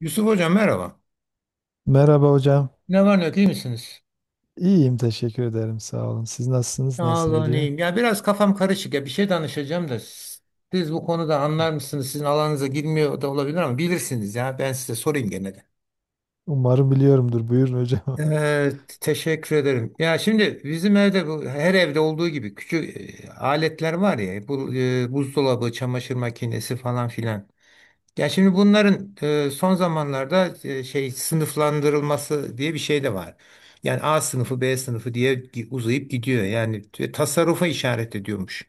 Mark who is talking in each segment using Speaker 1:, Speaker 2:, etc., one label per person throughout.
Speaker 1: Yusuf Hocam merhaba.
Speaker 2: Merhaba hocam.
Speaker 1: Ne var ne yok iyi misiniz?
Speaker 2: İyiyim teşekkür ederim sağ olun. Siz nasılsınız?
Speaker 1: Sağ
Speaker 2: Nasıl
Speaker 1: olun
Speaker 2: gidiyor?
Speaker 1: iyiyim. Ya biraz kafam karışık ya bir şey danışacağım da siz bu konuda anlar mısınız? Sizin alanınıza girmiyor da olabilir ama bilirsiniz ya ben size sorayım gene de.
Speaker 2: Umarım biliyorumdur. Buyurun hocam.
Speaker 1: Ee, teşekkür ederim. Ya şimdi bizim evde bu her evde olduğu gibi küçük aletler var ya bu buzdolabı, çamaşır makinesi falan filan. Ya şimdi bunların son zamanlarda şey sınıflandırılması diye bir şey de var. Yani A sınıfı, B sınıfı diye uzayıp gidiyor. Yani tasarrufa işaret ediyormuş.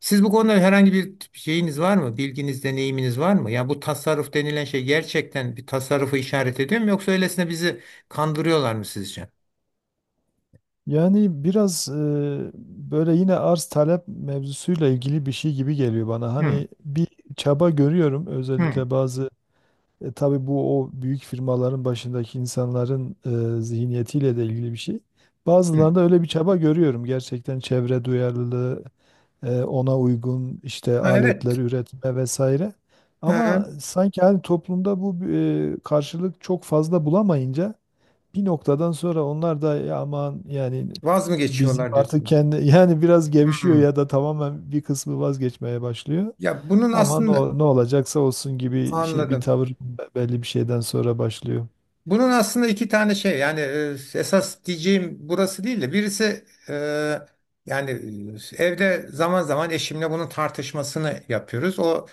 Speaker 1: Siz bu konuda herhangi bir şeyiniz var mı? Bilginiz, deneyiminiz var mı? Ya bu tasarruf denilen şey gerçekten bir tasarrufa işaret ediyor mu? Yoksa öylesine bizi kandırıyorlar mı sizce?
Speaker 2: Yani biraz böyle yine arz talep mevzusuyla ilgili bir şey gibi geliyor bana.
Speaker 1: Hı,
Speaker 2: Hani bir çaba görüyorum
Speaker 1: hı,
Speaker 2: özellikle bazı tabii bu o büyük firmaların başındaki insanların zihniyetiyle de ilgili bir şey.
Speaker 1: hı.
Speaker 2: Bazılarında öyle bir çaba görüyorum. Gerçekten çevre duyarlılığı ona uygun işte
Speaker 1: Ha,
Speaker 2: aletler
Speaker 1: evet.
Speaker 2: üretme vesaire.
Speaker 1: Hı
Speaker 2: Ama
Speaker 1: hı.
Speaker 2: sanki hani toplumda bu karşılık çok fazla bulamayınca bir noktadan sonra onlar da "Ya aman yani
Speaker 1: Vaz mı
Speaker 2: biz
Speaker 1: geçiyorlar
Speaker 2: artık
Speaker 1: diyorsunuz?
Speaker 2: kendi yani biraz gevşiyor
Speaker 1: Hı.
Speaker 2: ya da tamamen bir kısmı vazgeçmeye başlıyor.
Speaker 1: Ya bunun
Speaker 2: Ama ne,
Speaker 1: aslında
Speaker 2: o- ne olacaksa olsun gibi şey bir
Speaker 1: anladım.
Speaker 2: tavır be- belli bir şeyden sonra başlıyor.
Speaker 1: Bunun aslında iki tane şey yani esas diyeceğim burası değil de birisi yani evde zaman zaman eşimle bunun tartışmasını yapıyoruz. O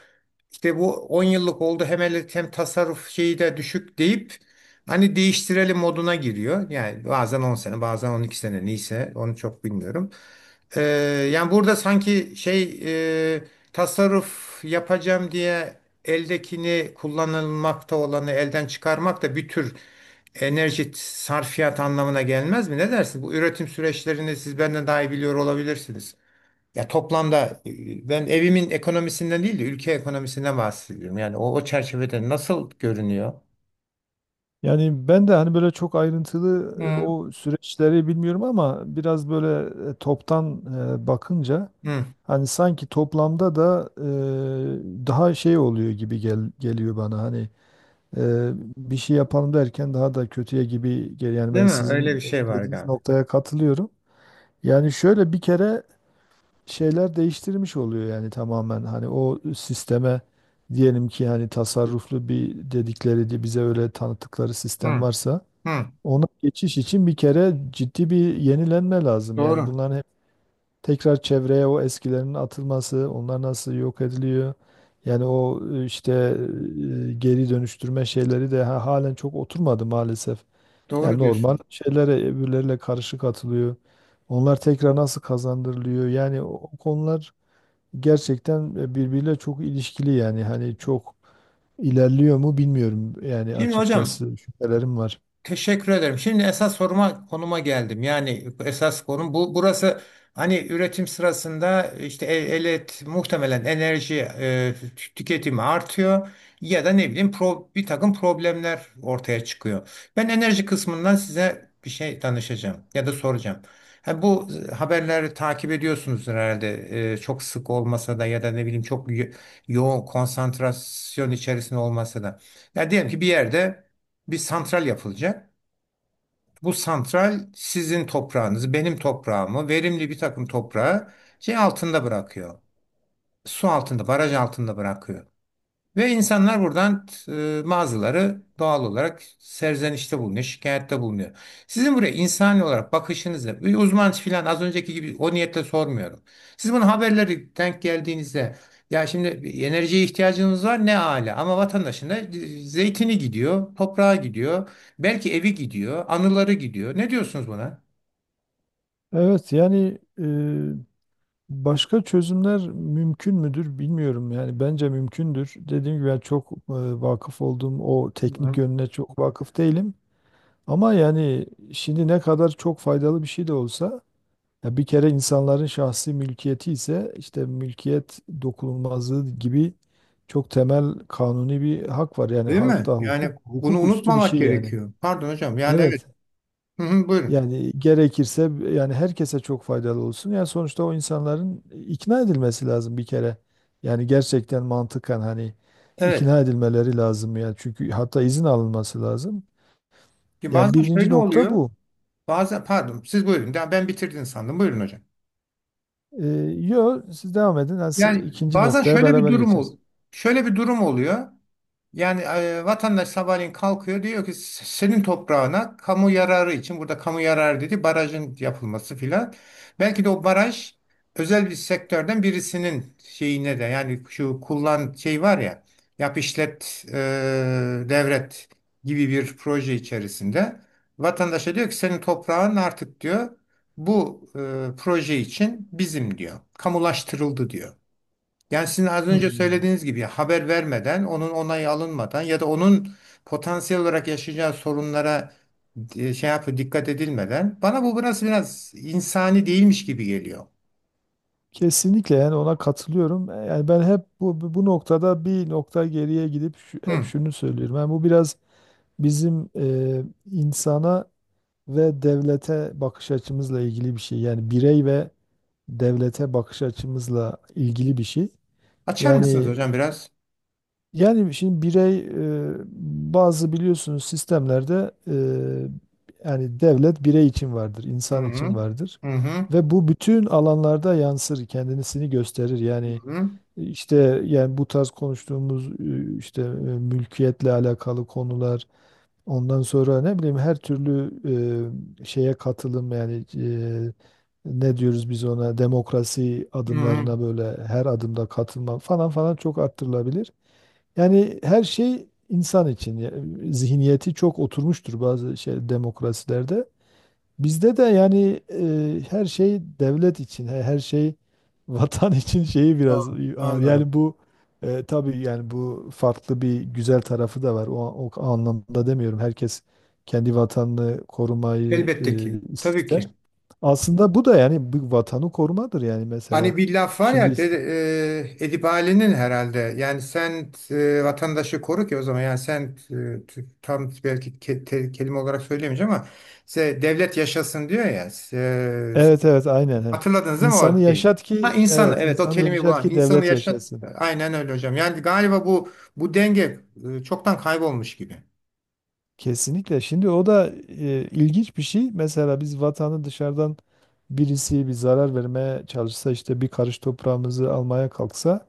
Speaker 1: işte bu 10 yıllık oldu hem hem tasarruf şeyi de düşük deyip hani değiştirelim moduna giriyor. Yani bazen 10 sene bazen 12 sene neyse onu çok bilmiyorum. Ee, yani burada sanki şey e, tasarruf yapacağım diye eldekini kullanılmakta olanı elden çıkarmak da bir tür enerji sarfiyat anlamına gelmez mi? Ne dersin? Bu üretim süreçlerini siz benden daha iyi biliyor olabilirsiniz. Ya toplamda ben evimin ekonomisinden değil de ülke ekonomisinden bahsediyorum. Yani o çerçevede nasıl görünüyor?
Speaker 2: Yani ben de hani böyle çok ayrıntılı
Speaker 1: Hı.
Speaker 2: o süreçleri bilmiyorum ama biraz böyle toptan bakınca
Speaker 1: Hı,
Speaker 2: hani sanki toplamda da daha şey oluyor gibi gel, geliyor bana. Hani e, bir şey yapalım derken daha da kötüye gibi geliyor. Yani
Speaker 1: değil
Speaker 2: ben
Speaker 1: mi? Öyle bir
Speaker 2: sizin
Speaker 1: şey var
Speaker 2: dediğiniz
Speaker 1: galiba.
Speaker 2: noktaya katılıyorum. Yani şöyle bir kere şeyler değiştirmiş oluyor yani tamamen. Hani o sisteme diyelim ki hani tasarruflu bir dedikleri de bize öyle tanıttıkları sistem
Speaker 1: Hı,
Speaker 2: varsa
Speaker 1: hı.
Speaker 2: ona geçiş için bir kere ciddi bir yenilenme lazım. Yani
Speaker 1: Doğru.
Speaker 2: bunların tekrar çevreye o eskilerin atılması, onlar nasıl yok ediliyor? Yani o işte geri dönüştürme şeyleri de ha- halen çok oturmadı maalesef.
Speaker 1: Doğru
Speaker 2: Yani normal
Speaker 1: diyorsun.
Speaker 2: şeylere öbürleriyle karışık atılıyor. Onlar tekrar nasıl kazandırılıyor? Yani o, o konular gerçekten birbiriyle çok ilişkili yani hani çok ilerliyor mu bilmiyorum yani
Speaker 1: Şimdi hocam
Speaker 2: açıkçası şüphelerim var.
Speaker 1: teşekkür ederim. Şimdi esas soruma konuma geldim. Yani esas konum bu. Burası hani üretim sırasında işte elet muhtemelen enerji tüketimi artıyor ya da ne bileyim bir takım problemler ortaya çıkıyor. Ben enerji kısmından size bir şey danışacağım ya da soracağım. Ha, bu haberleri takip ediyorsunuz herhalde. E, çok sık olmasa da ya da ne bileyim çok yoğun konsantrasyon içerisinde olmasa da. Ya diyelim ki bir yerde bir santral yapılacak. Bu santral sizin toprağınızı, benim toprağımı, verimli bir takım toprağı şey altında bırakıyor. Su altında, baraj altında bırakıyor. Ve insanlar buradan mağazaları doğal olarak serzenişte bulunuyor, şikayette bulunuyor. Sizin buraya insani olarak bakışınızı, bir uzman filan az önceki gibi o niyetle sormuyorum. Siz bunu haberleri denk geldiğinizde ya şimdi enerjiye ihtiyacınız var ne âlâ ama vatandaşın da zeytini gidiyor, toprağa gidiyor, belki evi gidiyor, anıları gidiyor. Ne diyorsunuz buna?
Speaker 2: Evet yani başka çözümler mümkün müdür bilmiyorum yani bence mümkündür. Dediğim gibi ben çok vakıf olduğum o teknik
Speaker 1: Hı.
Speaker 2: yönüne çok vakıf değilim. Ama yani şimdi ne kadar çok faydalı bir şey de olsa ya bir kere insanların şahsi mülkiyeti ise işte mülkiyet dokunulmazlığı gibi çok temel kanuni bir hak var. Yani
Speaker 1: Değil mi?
Speaker 2: hatta hukuk
Speaker 1: Yani bunu
Speaker 2: hukuk üstü bir
Speaker 1: unutmamak
Speaker 2: şey yani.
Speaker 1: gerekiyor. Pardon hocam. Yani evet.
Speaker 2: Evet.
Speaker 1: Hı hı, buyurun.
Speaker 2: Yani gerekirse yani herkese çok faydalı olsun. Yani sonuçta o insanların ikna edilmesi lazım bir kere. Yani gerçekten mantıken hani
Speaker 1: Evet.
Speaker 2: ikna edilmeleri lazım yani. Çünkü hatta izin alınması lazım.
Speaker 1: Ki
Speaker 2: Yani
Speaker 1: bazen
Speaker 2: birinci
Speaker 1: şöyle
Speaker 2: nokta
Speaker 1: oluyor.
Speaker 2: bu.
Speaker 1: Bazen pardon siz buyurun. Ben bitirdin sandım. Buyurun hocam.
Speaker 2: Ee, Yo, siz devam edin. Yani siz-
Speaker 1: Yani
Speaker 2: ikinci
Speaker 1: bazen
Speaker 2: noktaya
Speaker 1: şöyle bir
Speaker 2: beraber
Speaker 1: durum
Speaker 2: geçeriz.
Speaker 1: şöyle bir durum oluyor. Yani vatandaş sabahleyin kalkıyor diyor ki senin toprağına kamu yararı için burada kamu yararı dedi barajın yapılması filan. Belki de o baraj özel bir sektörden birisinin şeyine de yani şu kullan şey var ya yap işlet devret gibi bir proje içerisinde vatandaşa diyor ki senin toprağın artık diyor bu proje için bizim diyor kamulaştırıldı diyor. Yani sizin az önce
Speaker 2: Hmm.
Speaker 1: söylediğiniz gibi haber vermeden, onun onayı alınmadan ya da onun potansiyel olarak yaşayacağı sorunlara şey yapıp dikkat edilmeden bana bu biraz insani değilmiş gibi geliyor.
Speaker 2: Kesinlikle yani ona katılıyorum. Yani ben hep bu noktada bir nokta geriye gidip şu- hep
Speaker 1: Hı.
Speaker 2: şunu söylüyorum. Yani bu biraz bizim insana ve devlete bakış açımızla ilgili bir şey. Yani birey ve devlete bakış açımızla ilgili bir şey.
Speaker 1: Açar mısınız
Speaker 2: Yani
Speaker 1: hocam biraz?
Speaker 2: yani şimdi birey e, bazı biliyorsunuz sistemlerde, yani devlet birey için vardır,
Speaker 1: Hı
Speaker 2: insan
Speaker 1: hı.
Speaker 2: için vardır.
Speaker 1: Hı hı.
Speaker 2: Ve bu bütün alanlarda yansır, kendisini gösterir.
Speaker 1: Hı
Speaker 2: Yani
Speaker 1: hı.
Speaker 2: işte yani bu tarz konuştuğumuz işte mülkiyetle alakalı konular, ondan sonra ne bileyim her türlü şeye katılım yani ne diyoruz biz ona, demokrasi
Speaker 1: Hı hı.
Speaker 2: adımlarına böyle her adımda katılma falan falan çok arttırılabilir. Yani her şey insan için ya- zihniyeti çok oturmuştur bazı şey demokrasilerde. Bizde de yani her şey devlet için, he- her şey vatan için şeyi biraz
Speaker 1: Doğru.
Speaker 2: ağır.
Speaker 1: Anladım.
Speaker 2: Yani bu tabii yani bu farklı bir güzel tarafı da var. O, o anlamda demiyorum. Herkes kendi vatanını korumayı
Speaker 1: Elbette ki. Tabii
Speaker 2: ister.
Speaker 1: ki.
Speaker 2: Aslında bu da yani bu vatanı korumadır yani mesela.
Speaker 1: Hani bir laf var
Speaker 2: Şimdi
Speaker 1: ya Edip Ali'nin herhalde yani sen vatandaşı koru ki o zaman yani sen tam belki kelime olarak söyleyemeyeceğim ama devlet yaşasın diyor ya
Speaker 2: evet, evet, aynen he.
Speaker 1: hatırladınız değil mi
Speaker 2: İnsanı
Speaker 1: o şeyi?
Speaker 2: yaşat
Speaker 1: Ha
Speaker 2: ki
Speaker 1: insanı
Speaker 2: evet,
Speaker 1: evet o
Speaker 2: insanı
Speaker 1: kelimeyi
Speaker 2: yaşat
Speaker 1: bulan
Speaker 2: ki
Speaker 1: insanı
Speaker 2: devlet
Speaker 1: yaşat
Speaker 2: yaşasın.
Speaker 1: aynen öyle hocam yani galiba bu denge çoktan kaybolmuş gibi.
Speaker 2: Kesinlikle. Şimdi o da ilginç bir şey. Mesela biz vatanı dışarıdan birisi bir zarar vermeye çalışsa işte bir karış toprağımızı almaya kalksa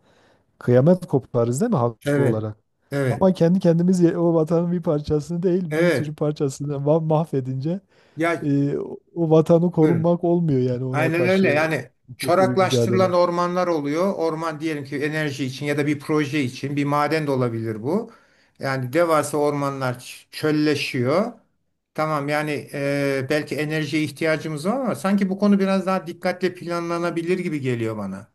Speaker 2: kıyamet koparız değil mi haklı
Speaker 1: Evet,
Speaker 2: olarak?
Speaker 1: evet,
Speaker 2: Ama kendi kendimiz ye- o vatanın bir parçasını değil bir
Speaker 1: evet,
Speaker 2: sürü parçasını ma- mahvedince
Speaker 1: ya
Speaker 2: o vatanı
Speaker 1: buyurun.
Speaker 2: korunmak olmuyor yani ona
Speaker 1: Aynen öyle.
Speaker 2: karşı
Speaker 1: Yani
Speaker 2: hukuki bir
Speaker 1: çoraklaştırılan
Speaker 2: mücadele.
Speaker 1: ormanlar oluyor. Orman diyelim ki enerji için ya da bir proje için bir maden de olabilir bu. Yani devasa ormanlar çölleşiyor. Tamam yani belki enerjiye ihtiyacımız var ama sanki bu konu biraz daha dikkatle planlanabilir gibi geliyor bana.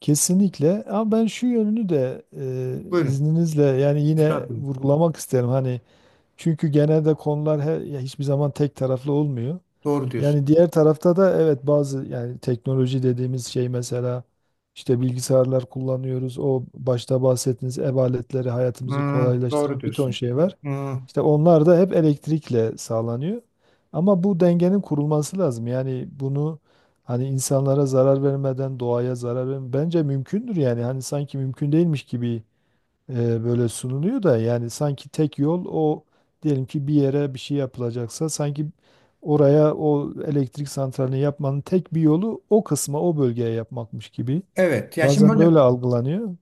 Speaker 2: Kesinlikle, ama ben şu yönünü de
Speaker 1: Buyurun.
Speaker 2: izninizle yani yine
Speaker 1: Mustafa,
Speaker 2: vurgulamak isterim. Hani çünkü genelde konular her, ya hiçbir zaman tek taraflı olmuyor.
Speaker 1: doğru diyorsun.
Speaker 2: Yani diğer tarafta da evet bazı yani teknoloji dediğimiz şey mesela işte bilgisayarlar kullanıyoruz. O başta bahsettiğiniz ev aletleri hayatımızı
Speaker 1: Hmm, doğru
Speaker 2: kolaylaştıran bir ton
Speaker 1: diyorsun.
Speaker 2: şey var.
Speaker 1: Hmm,
Speaker 2: İşte onlar da hep elektrikle sağlanıyor. Ama bu dengenin kurulması lazım. Yani bunu hani insanlara zarar vermeden, doğaya zarar vermeden bence mümkündür yani. Hani sanki mümkün değilmiş gibi böyle sunuluyor da yani sanki tek yol o, diyelim ki bir yere bir şey yapılacaksa sanki oraya o elektrik santralini yapmanın tek bir yolu o kısma o bölgeye yapmakmış gibi.
Speaker 1: evet. Yani
Speaker 2: Bazen
Speaker 1: şimdi
Speaker 2: böyle algılanıyor.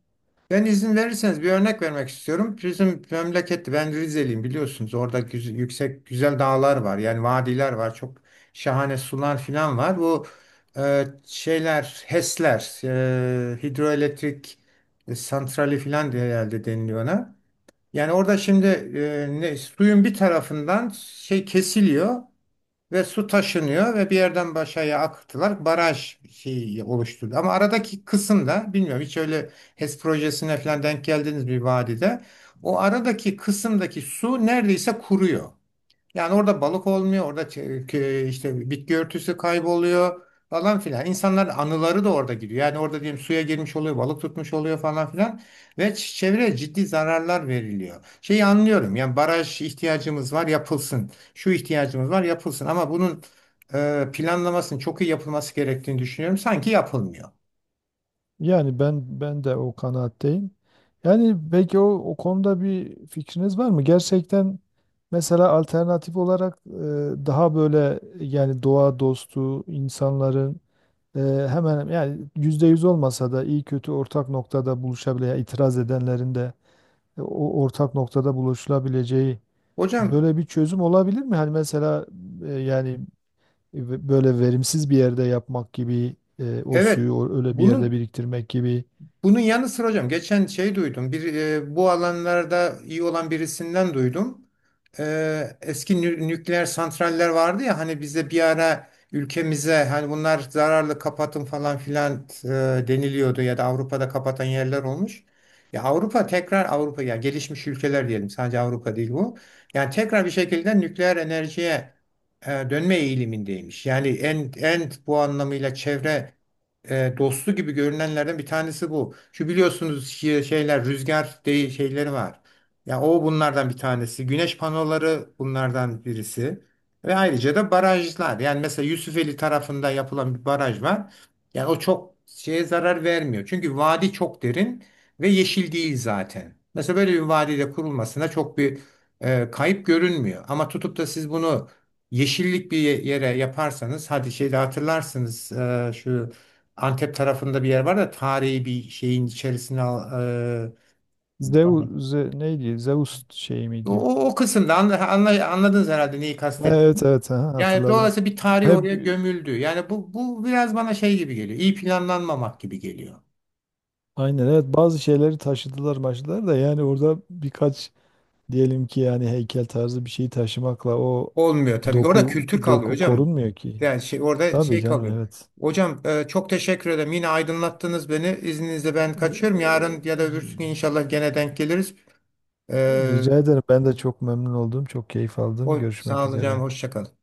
Speaker 1: ben izin verirseniz bir örnek vermek istiyorum. Bizim memlekette ben Rizeliyim biliyorsunuz. Orada yüksek güzel dağlar var. Yani vadiler var. Çok şahane sular falan var. Bu şeyler HES'ler hidroelektrik santrali falan diye herhalde deniliyor ona. Yani orada şimdi suyun bir tarafından şey kesiliyor. Ve su taşınıyor ve bir yerden başaya akıttılar. Baraj şeyi oluşturdu. Ama aradaki kısımda bilmiyorum hiç öyle HES projesine falan denk geldiniz bir vadide. O aradaki kısımdaki su neredeyse kuruyor. Yani orada balık olmuyor, orada işte bitki örtüsü kayboluyor falan filan. İnsanların anıları da orada gidiyor. Yani orada diyelim suya girmiş oluyor, balık tutmuş oluyor falan filan ve çevreye ciddi zararlar veriliyor. Şeyi anlıyorum. Yani baraj ihtiyacımız var, yapılsın. Şu ihtiyacımız var, yapılsın. Ama bunun planlamasının çok iyi yapılması gerektiğini düşünüyorum. Sanki yapılmıyor.
Speaker 2: Yani ben de o kanaatteyim. Yani belki o, o konuda bir fikriniz var mı? Gerçekten mesela alternatif olarak daha böyle yani doğa dostu insanların Ee, hemen yani yüzde yüz olmasa da iyi kötü ortak noktada buluşabileceği, itiraz edenlerin de o ortak noktada buluşulabileceği
Speaker 1: Hocam
Speaker 2: böyle bir çözüm olabilir mi? Hani mesela yani böyle verimsiz bir yerde yapmak gibi, o
Speaker 1: evet
Speaker 2: suyu o- öyle bir yerde
Speaker 1: bunun
Speaker 2: biriktirmek gibi.
Speaker 1: Bunun yanı sıra hocam geçen şey duydum. Bir bu alanlarda iyi olan birisinden duydum. E, eski nükleer santraller vardı ya hani bize bir ara ülkemize hani bunlar zararlı kapatın falan filan deniliyordu ya da Avrupa'da kapatan yerler olmuş. Ya Avrupa tekrar Avrupa yani gelişmiş ülkeler diyelim sadece Avrupa değil bu. Yani tekrar bir şekilde nükleer enerjiye dönme eğilimindeymiş. Yani en bu anlamıyla çevre dostu gibi görünenlerden bir tanesi bu. Şu biliyorsunuz şeyler rüzgar değil şeyleri var. Ya o bunlardan bir tanesi. Güneş panoları bunlardan birisi. Ve ayrıca da barajlar. Yani mesela Yusufeli tarafında yapılan bir baraj var. Yani o çok şeye zarar vermiyor. Çünkü vadi çok derin ve yeşil değil zaten. Mesela böyle bir vadide kurulmasına çok bir kayıp görünmüyor. Ama tutup da siz bunu yeşillik bir yere yaparsanız hadi şeyde hatırlarsınız şu Antep tarafında bir yer var da tarihi bir şeyin içerisine e,
Speaker 2: Zeus Ze- neydi? Zeus şey
Speaker 1: o,
Speaker 2: miydi?
Speaker 1: o kısımda anladınız herhalde neyi
Speaker 2: Evet
Speaker 1: kastettiğimi.
Speaker 2: evet aha,
Speaker 1: Yani
Speaker 2: hatırladım.
Speaker 1: dolayısıyla bir tarih
Speaker 2: Hep
Speaker 1: oraya gömüldü. Yani bu biraz bana şey gibi geliyor. İyi planlanmamak gibi geliyor.
Speaker 2: aynen evet bazı şeyleri taşıdılar maçlar da yani orada birkaç diyelim ki yani heykel tarzı bir şeyi taşımakla o
Speaker 1: Olmuyor tabii. Orada
Speaker 2: doku
Speaker 1: kültür kalıyor
Speaker 2: doku
Speaker 1: hocam.
Speaker 2: korunmuyor ki.
Speaker 1: Yani şey, orada
Speaker 2: Tabii
Speaker 1: şey
Speaker 2: canım
Speaker 1: kalıyor.
Speaker 2: evet.
Speaker 1: Hocam çok teşekkür ederim. Yine aydınlattınız beni. İzninizle ben
Speaker 2: Ee,
Speaker 1: kaçıyorum. Yarın ya da öbürsü gün inşallah gene denk geliriz. E,
Speaker 2: Rica ederim. Ben de çok memnun oldum. Çok keyif aldım.
Speaker 1: sağ
Speaker 2: Görüşmek
Speaker 1: olun hocam.
Speaker 2: üzere.
Speaker 1: Hoşça kalın.